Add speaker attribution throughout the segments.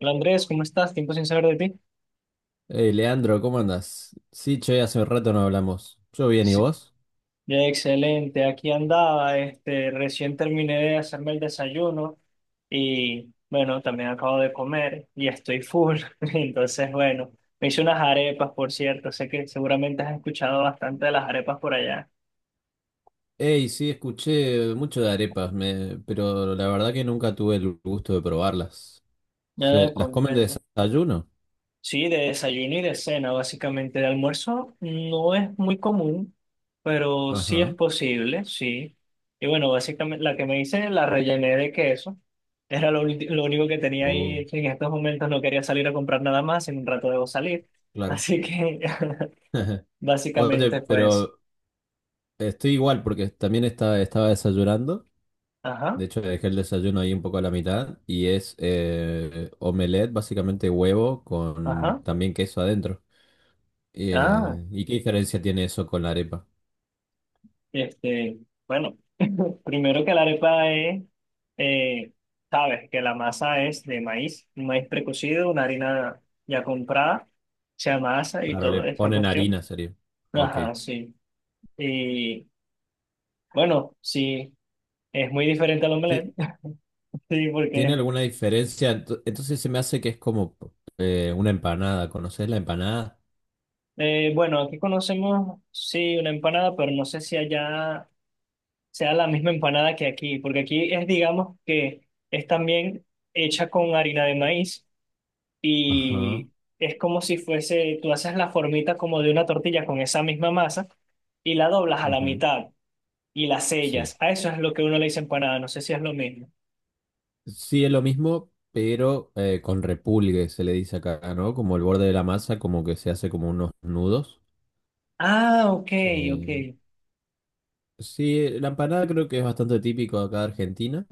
Speaker 1: Hola Andrés, ¿cómo estás? Tiempo sin saber de ti.
Speaker 2: Hey, Leandro, ¿cómo andas? Sí, che, hace un rato no hablamos. Yo bien, ¿y
Speaker 1: Sí.
Speaker 2: vos?
Speaker 1: Ya, excelente, aquí andaba, recién terminé de hacerme el desayuno y bueno, también acabo de comer y estoy full. Entonces, bueno, me hice unas arepas, por cierto, sé que seguramente has escuchado bastante de las arepas por allá.
Speaker 2: Hey, sí, escuché mucho de arepas, pero la verdad que nunca tuve el gusto de probarlas.
Speaker 1: Ya
Speaker 2: ¿Las comen de
Speaker 1: comprendo.
Speaker 2: desayuno?
Speaker 1: Sí, de desayuno y de cena, básicamente. De almuerzo no es muy común, pero sí es
Speaker 2: Ajá.
Speaker 1: posible, sí. Y bueno, básicamente la que me hice la rellené de queso. Lo único que tenía
Speaker 2: Oh,
Speaker 1: ahí. En estos momentos no quería salir a comprar nada más, en un rato debo salir.
Speaker 2: claro.
Speaker 1: Así que
Speaker 2: Oye,
Speaker 1: básicamente fue eso.
Speaker 2: pero estoy igual porque también estaba desayunando.
Speaker 1: Ajá,
Speaker 2: De hecho, dejé el desayuno ahí un poco a la mitad. Y es omelette, básicamente huevo con
Speaker 1: ajá.
Speaker 2: también queso adentro.
Speaker 1: Ah.
Speaker 2: ¿Y qué diferencia tiene eso con la arepa?
Speaker 1: Este, bueno, primero que la arepa es, eh, sabes que la masa es de maíz, un maíz precocido, una harina ya comprada, se amasa y
Speaker 2: Claro, le
Speaker 1: toda esa
Speaker 2: ponen
Speaker 1: cuestión.
Speaker 2: harina, sería. Ok.
Speaker 1: Ajá, sí. Y bueno, sí, es muy diferente al
Speaker 2: Ti-
Speaker 1: omelette, sí,
Speaker 2: ¿Tiene
Speaker 1: porque,
Speaker 2: alguna diferencia? Entonces se me hace que es como una empanada. ¿Conoces la empanada?
Speaker 1: bueno, aquí conocemos, sí, una empanada, pero no sé si allá sea la misma empanada que aquí, porque aquí es, digamos, que es también hecha con harina de maíz
Speaker 2: Ajá,
Speaker 1: y es como si fuese, tú haces la formita como de una tortilla con esa misma masa y la doblas a la
Speaker 2: ujú,
Speaker 1: mitad y la
Speaker 2: sí.
Speaker 1: sellas. A eso es lo que uno le dice empanada, no sé si es lo mismo.
Speaker 2: Sí, es lo mismo, pero con repulgue se le dice acá, ¿no? Como el borde de la masa, como que se hace como unos nudos.
Speaker 1: Ah, ok, ok.
Speaker 2: Eh, sí, la empanada creo que es bastante típico acá de Argentina.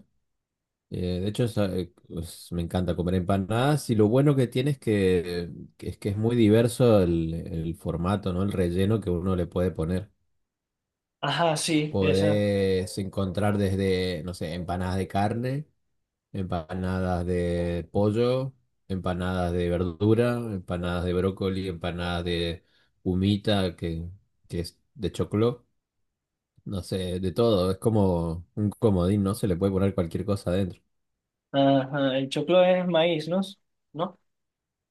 Speaker 2: De hecho, me encanta comer empanadas y lo bueno que tiene que es muy diverso el formato, ¿no? El relleno que uno le puede poner.
Speaker 1: Ajá, sí, esa.
Speaker 2: Podés encontrar desde, no sé, empanadas de carne, empanadas de pollo, empanadas de verdura, empanadas de brócoli, empanadas de humita, que es de choclo, no sé, de todo. Es como un comodín, ¿no? Se le puede poner cualquier cosa adentro.
Speaker 1: Ajá, el choclo es maíz, ¿no? ¿No?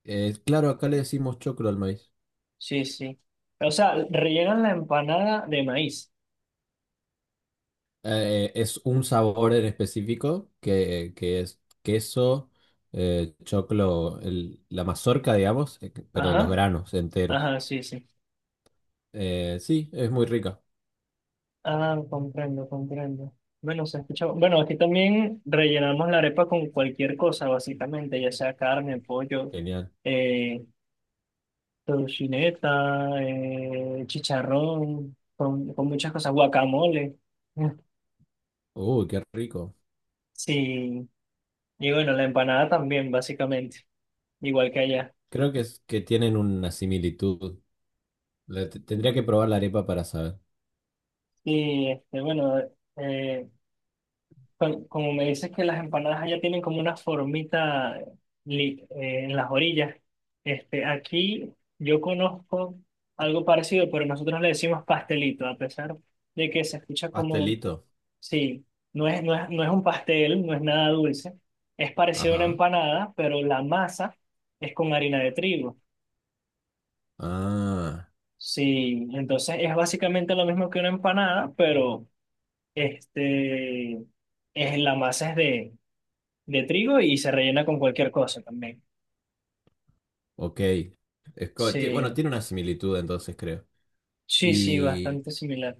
Speaker 2: Claro, acá le decimos choclo al maíz.
Speaker 1: Sí, sí. O sea, rellenan la empanada de maíz.
Speaker 2: Es un sabor en específico que es queso, choclo, la mazorca, digamos, pero los
Speaker 1: Ajá,
Speaker 2: granos enteros.
Speaker 1: ajá, sí, sí.
Speaker 2: Sí, es muy rica.
Speaker 1: Ah, comprendo, comprendo. Bueno, se escucha. Bueno, aquí también rellenamos la arepa con cualquier cosa, básicamente, ya sea carne, pollo,
Speaker 2: Genial.
Speaker 1: eh, tocineta, chicharrón, con muchas cosas, guacamole. Mm.
Speaker 2: Uy, qué rico.
Speaker 1: Sí, y bueno, la empanada también, básicamente, igual que allá.
Speaker 2: Creo que tienen una similitud. Tendría que probar la arepa para saber.
Speaker 1: Y bueno, eh, Como me dices que las empanadas allá tienen como una formita en las orillas, este, aquí yo conozco algo parecido, pero nosotros le decimos pastelito, a pesar de que se escucha como,
Speaker 2: Pastelito.
Speaker 1: sí, no es un pastel, no es nada dulce, es parecido a una
Speaker 2: Ajá.
Speaker 1: empanada, pero la masa es con harina de trigo.
Speaker 2: Ah,
Speaker 1: Sí, entonces es básicamente lo mismo que una empanada, pero este, es, la masa de trigo y se rellena con cualquier cosa también.
Speaker 2: ok. Bueno,
Speaker 1: Sí,
Speaker 2: tiene una similitud entonces, creo.
Speaker 1: sí, sí, bastante similar.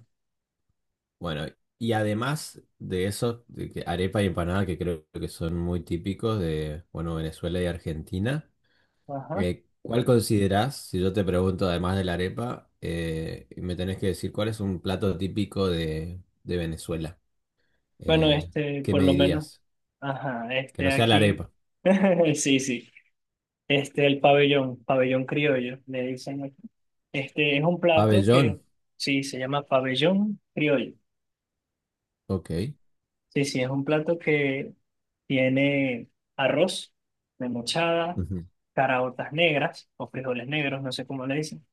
Speaker 2: Bueno, y además de eso, de que arepa y empanada que creo que son muy típicos de, bueno, Venezuela y Argentina,
Speaker 1: Ajá.
Speaker 2: ¿cuál considerás, si yo te pregunto además de la arepa, y me tenés que decir cuál es un plato típico de Venezuela?
Speaker 1: Bueno,
Speaker 2: Eh,
Speaker 1: este,
Speaker 2: ¿Qué
Speaker 1: por
Speaker 2: me
Speaker 1: lo menos,
Speaker 2: dirías?
Speaker 1: ajá,
Speaker 2: Que no
Speaker 1: este
Speaker 2: sea la
Speaker 1: aquí,
Speaker 2: arepa.
Speaker 1: sí, sí, el pabellón, pabellón criollo, le dicen aquí. Este es un plato que,
Speaker 2: Pabellón,
Speaker 1: sí, se llama pabellón criollo.
Speaker 2: ok.
Speaker 1: Sí, sí, es un plato que tiene arroz, memochada,
Speaker 2: Ujú.
Speaker 1: caraotas negras o frijoles negros, no sé cómo le dicen.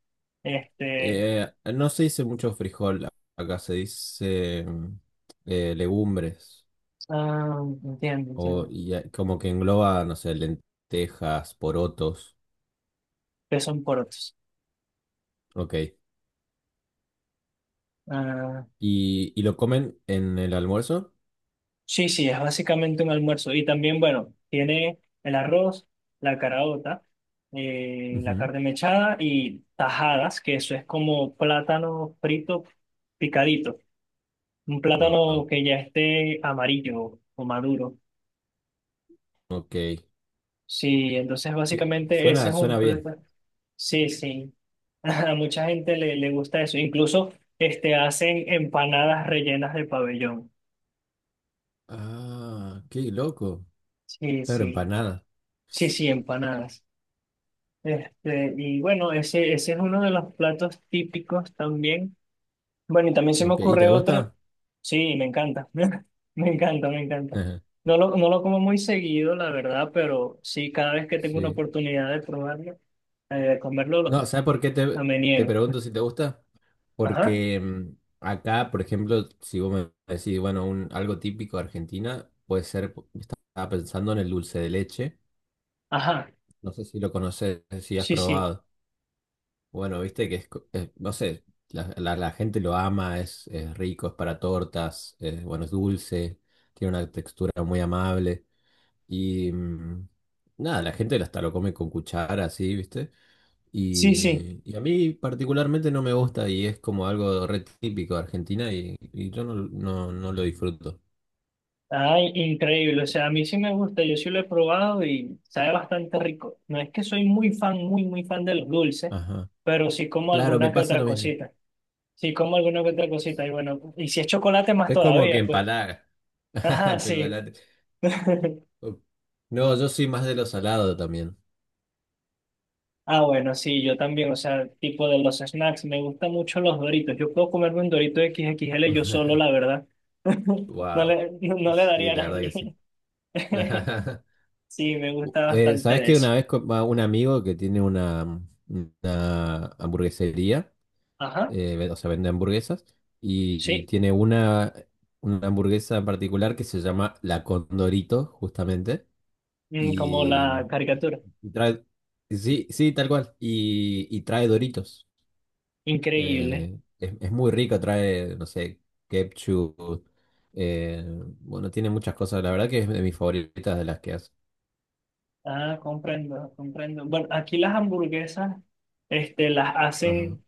Speaker 1: Este,
Speaker 2: No se dice mucho frijol, acá se dice legumbres.
Speaker 1: ah, entiendo,
Speaker 2: O
Speaker 1: entiendo.
Speaker 2: y, como que engloba, no sé, lentejas, porotos.
Speaker 1: Que son porotos.
Speaker 2: Ok.
Speaker 1: Ah,
Speaker 2: ¿ Y lo comen en el almuerzo?
Speaker 1: sí, sí, es básicamente un almuerzo. Y también, bueno, tiene el arroz, la caraota, la
Speaker 2: Ujú.
Speaker 1: carne mechada y tajadas, que eso es como plátano frito picadito. Un plátano
Speaker 2: Wow.
Speaker 1: que ya esté amarillo o maduro.
Speaker 2: Ok.
Speaker 1: Sí, entonces básicamente ese
Speaker 2: Suena,
Speaker 1: es un
Speaker 2: suena bien.
Speaker 1: plátano. Sí, sí. A mucha gente le gusta eso. Incluso hacen empanadas rellenas de pabellón.
Speaker 2: Ah, qué loco.
Speaker 1: Sí,
Speaker 2: Claro,
Speaker 1: sí.
Speaker 2: empanada.
Speaker 1: Sí, sí, empanadas. Y bueno, ese es uno de los platos típicos también. Bueno, y también se me
Speaker 2: Ok. ¿Y te
Speaker 1: ocurre otro.
Speaker 2: gusta?
Speaker 1: Sí, me encanta. Me encanta, me encanta.
Speaker 2: Ajá,
Speaker 1: No lo como muy seguido, la verdad, pero sí, cada vez que tengo una
Speaker 2: sí.
Speaker 1: oportunidad de probarlo, de comerlo,
Speaker 2: No, ¿sabes por qué
Speaker 1: a me
Speaker 2: te
Speaker 1: niego.
Speaker 2: pregunto si te gusta?
Speaker 1: Ajá,
Speaker 2: Porque acá, por ejemplo, si vos me decís, bueno, algo típico de Argentina, puede ser, estaba pensando en el dulce de leche.
Speaker 1: ajá.
Speaker 2: No sé si lo conoces, si has
Speaker 1: Sí, sí.
Speaker 2: probado. Bueno, viste que no sé, la gente lo ama, es rico, es para tortas, bueno, es dulce, tiene una textura muy amable. Y nada, la gente hasta lo come con cuchara, así, viste.
Speaker 1: Sí, sí.
Speaker 2: Y a mí particularmente no me gusta y es como algo re típico de Argentina y yo no lo disfruto.
Speaker 1: Ay, increíble, o sea, a mí sí me gusta, yo sí lo he probado y sabe bastante rico. No es que soy muy fan, muy fan de los dulces,
Speaker 2: Ajá.
Speaker 1: pero sí como
Speaker 2: Claro, me
Speaker 1: alguna que
Speaker 2: pasa
Speaker 1: otra
Speaker 2: lo mismo.
Speaker 1: cosita. Sí como alguna que otra cosita y bueno, y si es chocolate más
Speaker 2: Es como que
Speaker 1: todavía, pues.
Speaker 2: empalaga.
Speaker 1: Ajá, sí.
Speaker 2: Chocolate. No, yo soy más de lo salado también.
Speaker 1: Ah, bueno, sí, yo también, o sea, tipo de los snacks, me gustan mucho los Doritos. Yo puedo comerme un Dorito x XXL yo solo, la verdad.
Speaker 2: Wow.
Speaker 1: No le
Speaker 2: Sí,
Speaker 1: daría a
Speaker 2: la verdad que sí.
Speaker 1: nadie. Sí, me gusta bastante
Speaker 2: ¿Sabes
Speaker 1: de
Speaker 2: que una
Speaker 1: eso.
Speaker 2: vez va un amigo que tiene una, una hamburguesería,
Speaker 1: Ajá.
Speaker 2: o sea, vende hamburguesas, y
Speaker 1: Sí,
Speaker 2: tiene una hamburguesa en particular que se llama La Condorito, justamente,
Speaker 1: Mm, como
Speaker 2: y,
Speaker 1: la caricatura.
Speaker 2: y trae, sí, sí, tal cual, y trae Doritos.
Speaker 1: Increíble.
Speaker 2: Es muy rico, trae, no sé, ketchup. eh, bueno, tiene muchas cosas. La verdad que es de mis favoritas de las que hace.
Speaker 1: Ah, comprendo, comprendo. Bueno, aquí las hamburguesas, las
Speaker 2: Ajá.
Speaker 1: hacen,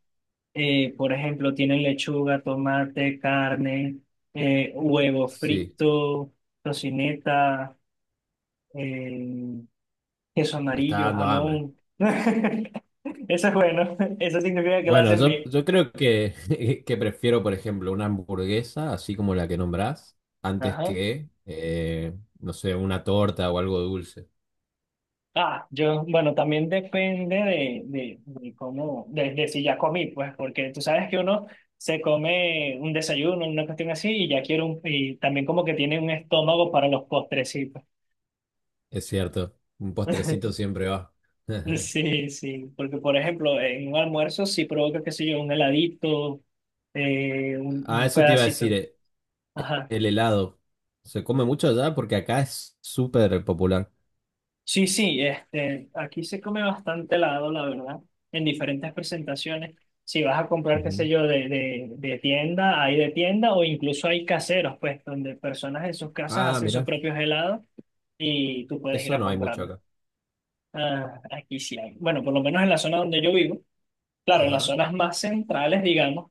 Speaker 1: por ejemplo, tienen lechuga, tomate, carne, huevo
Speaker 2: Sí,
Speaker 1: frito, tocineta, eh, queso
Speaker 2: me está
Speaker 1: amarillo,
Speaker 2: dando hambre.
Speaker 1: jamón. Eso es bueno. Eso significa que la
Speaker 2: Bueno,
Speaker 1: hacen bien.
Speaker 2: yo creo que, que prefiero, por ejemplo, una hamburguesa, así como la que nombrás, antes
Speaker 1: Ajá.
Speaker 2: que, no sé, una torta o algo dulce.
Speaker 1: Ah, yo, bueno, también depende de cómo, de si ya comí, pues, porque tú sabes que uno se come un desayuno, una cuestión así, y ya quiero un, y también como que tiene un estómago para los postrecitos.
Speaker 2: Es cierto, un postrecito siempre va.
Speaker 1: Sí, sí, porque por ejemplo, en un almuerzo sí provoca, qué sé yo, un heladito,
Speaker 2: Ah,
Speaker 1: un
Speaker 2: eso te iba a decir,
Speaker 1: pedacito. Ajá.
Speaker 2: el helado. ¿Se come mucho allá? Porque acá es súper popular.
Speaker 1: Sí, sí, aquí se come bastante helado, la verdad, en diferentes presentaciones. Si vas a comprar, qué sé yo, de tienda, hay de tienda o incluso hay caseros, pues, donde personas en sus casas
Speaker 2: Ah,
Speaker 1: hacen sus
Speaker 2: mira,
Speaker 1: propios helados y tú puedes ir
Speaker 2: eso
Speaker 1: a
Speaker 2: no hay mucho
Speaker 1: comprarlos.
Speaker 2: acá.
Speaker 1: Ah, aquí sí hay. Bueno, por lo menos en la zona donde yo vivo, claro, en las
Speaker 2: Ajá.
Speaker 1: zonas más centrales, digamos,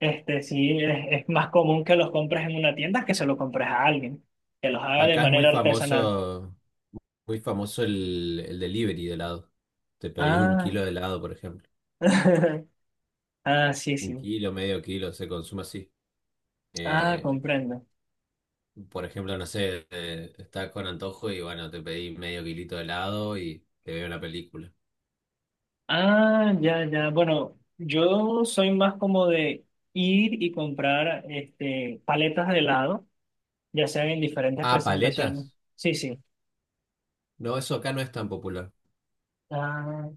Speaker 1: sí es más común que los compres en una tienda que se lo compres a alguien, que los haga de
Speaker 2: Acá es
Speaker 1: manera artesanal.
Speaker 2: muy famoso el delivery de helado. Te pedís un
Speaker 1: Ah,
Speaker 2: kilo de helado, por ejemplo.
Speaker 1: ah, sí,
Speaker 2: Un
Speaker 1: sí.
Speaker 2: kilo, medio kilo, se consume así.
Speaker 1: Ah,
Speaker 2: Eh,
Speaker 1: comprendo.
Speaker 2: por ejemplo, no sé, estás con antojo y bueno, te pedís medio kilito de helado y te veo una película.
Speaker 1: Ah, ya, ya. Bueno, yo soy más como de ir y comprar paletas de helado, ya sean en diferentes
Speaker 2: Ah,
Speaker 1: presentaciones.
Speaker 2: paletas.
Speaker 1: Sí, sí.
Speaker 2: No, eso acá no es tan popular.
Speaker 1: Ah,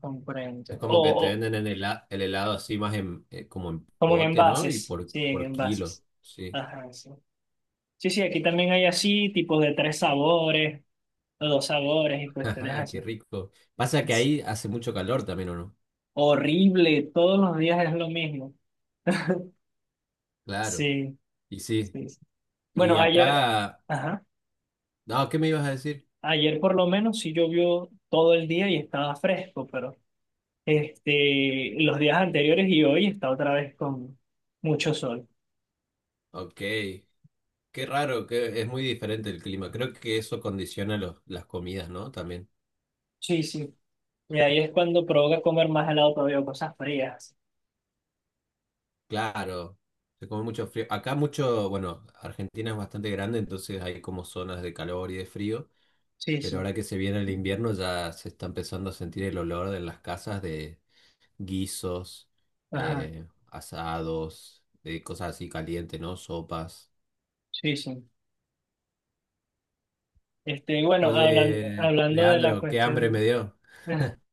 Speaker 2: Es
Speaker 1: comprendo.
Speaker 2: como que te
Speaker 1: O
Speaker 2: venden en el helado así más en, como en
Speaker 1: como en
Speaker 2: pote, ¿no?
Speaker 1: envases. Sí, en
Speaker 2: Por kilo,
Speaker 1: envases.
Speaker 2: sí.
Speaker 1: Ajá, sí. Sí, sí, aquí también hay así, tipos de 3 sabores, o 2 sabores y cuestiones
Speaker 2: Ajá,
Speaker 1: así.
Speaker 2: qué rico. Pasa que
Speaker 1: Es
Speaker 2: ahí hace mucho calor también, ¿o no?
Speaker 1: horrible, todos los días es lo mismo.
Speaker 2: Claro,
Speaker 1: Sí,
Speaker 2: y sí.
Speaker 1: sí. Sí.
Speaker 2: Y
Speaker 1: Bueno, ayer.
Speaker 2: acá,
Speaker 1: Ajá.
Speaker 2: no, ¿qué me ibas a decir?
Speaker 1: Ayer por lo menos sí llovió todo el día y estaba fresco, pero los días anteriores y hoy está otra vez con mucho sol.
Speaker 2: Ok, qué raro, que es muy diferente el clima. Creo que eso condiciona las comidas, ¿no? También.
Speaker 1: Sí, sí. Y ahí es cuando provoca comer más helado todavía, o cosas frías.
Speaker 2: Claro, se come mucho frío. Acá mucho, bueno, Argentina es bastante grande, entonces hay como zonas de calor y de frío,
Speaker 1: Sí,
Speaker 2: pero
Speaker 1: sí.
Speaker 2: ahora que se viene el invierno ya se está empezando a sentir el olor de las casas de, guisos,
Speaker 1: Ajá.
Speaker 2: asados, cosas así calientes, ¿no? Sopas.
Speaker 1: Sí, sí. Y bueno,
Speaker 2: Oye,
Speaker 1: hablando de la
Speaker 2: Leandro, qué hambre me
Speaker 1: cuestión.
Speaker 2: dio.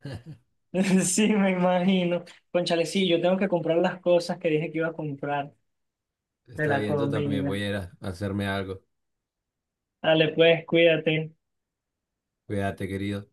Speaker 1: Sí, me imagino. Cónchale, sí, yo tengo que comprar las cosas que dije que iba a comprar de
Speaker 2: Está
Speaker 1: la
Speaker 2: bien, yo también
Speaker 1: comida.
Speaker 2: voy a ir a hacerme algo.
Speaker 1: Dale, pues, cuídate.
Speaker 2: Cuídate, querido.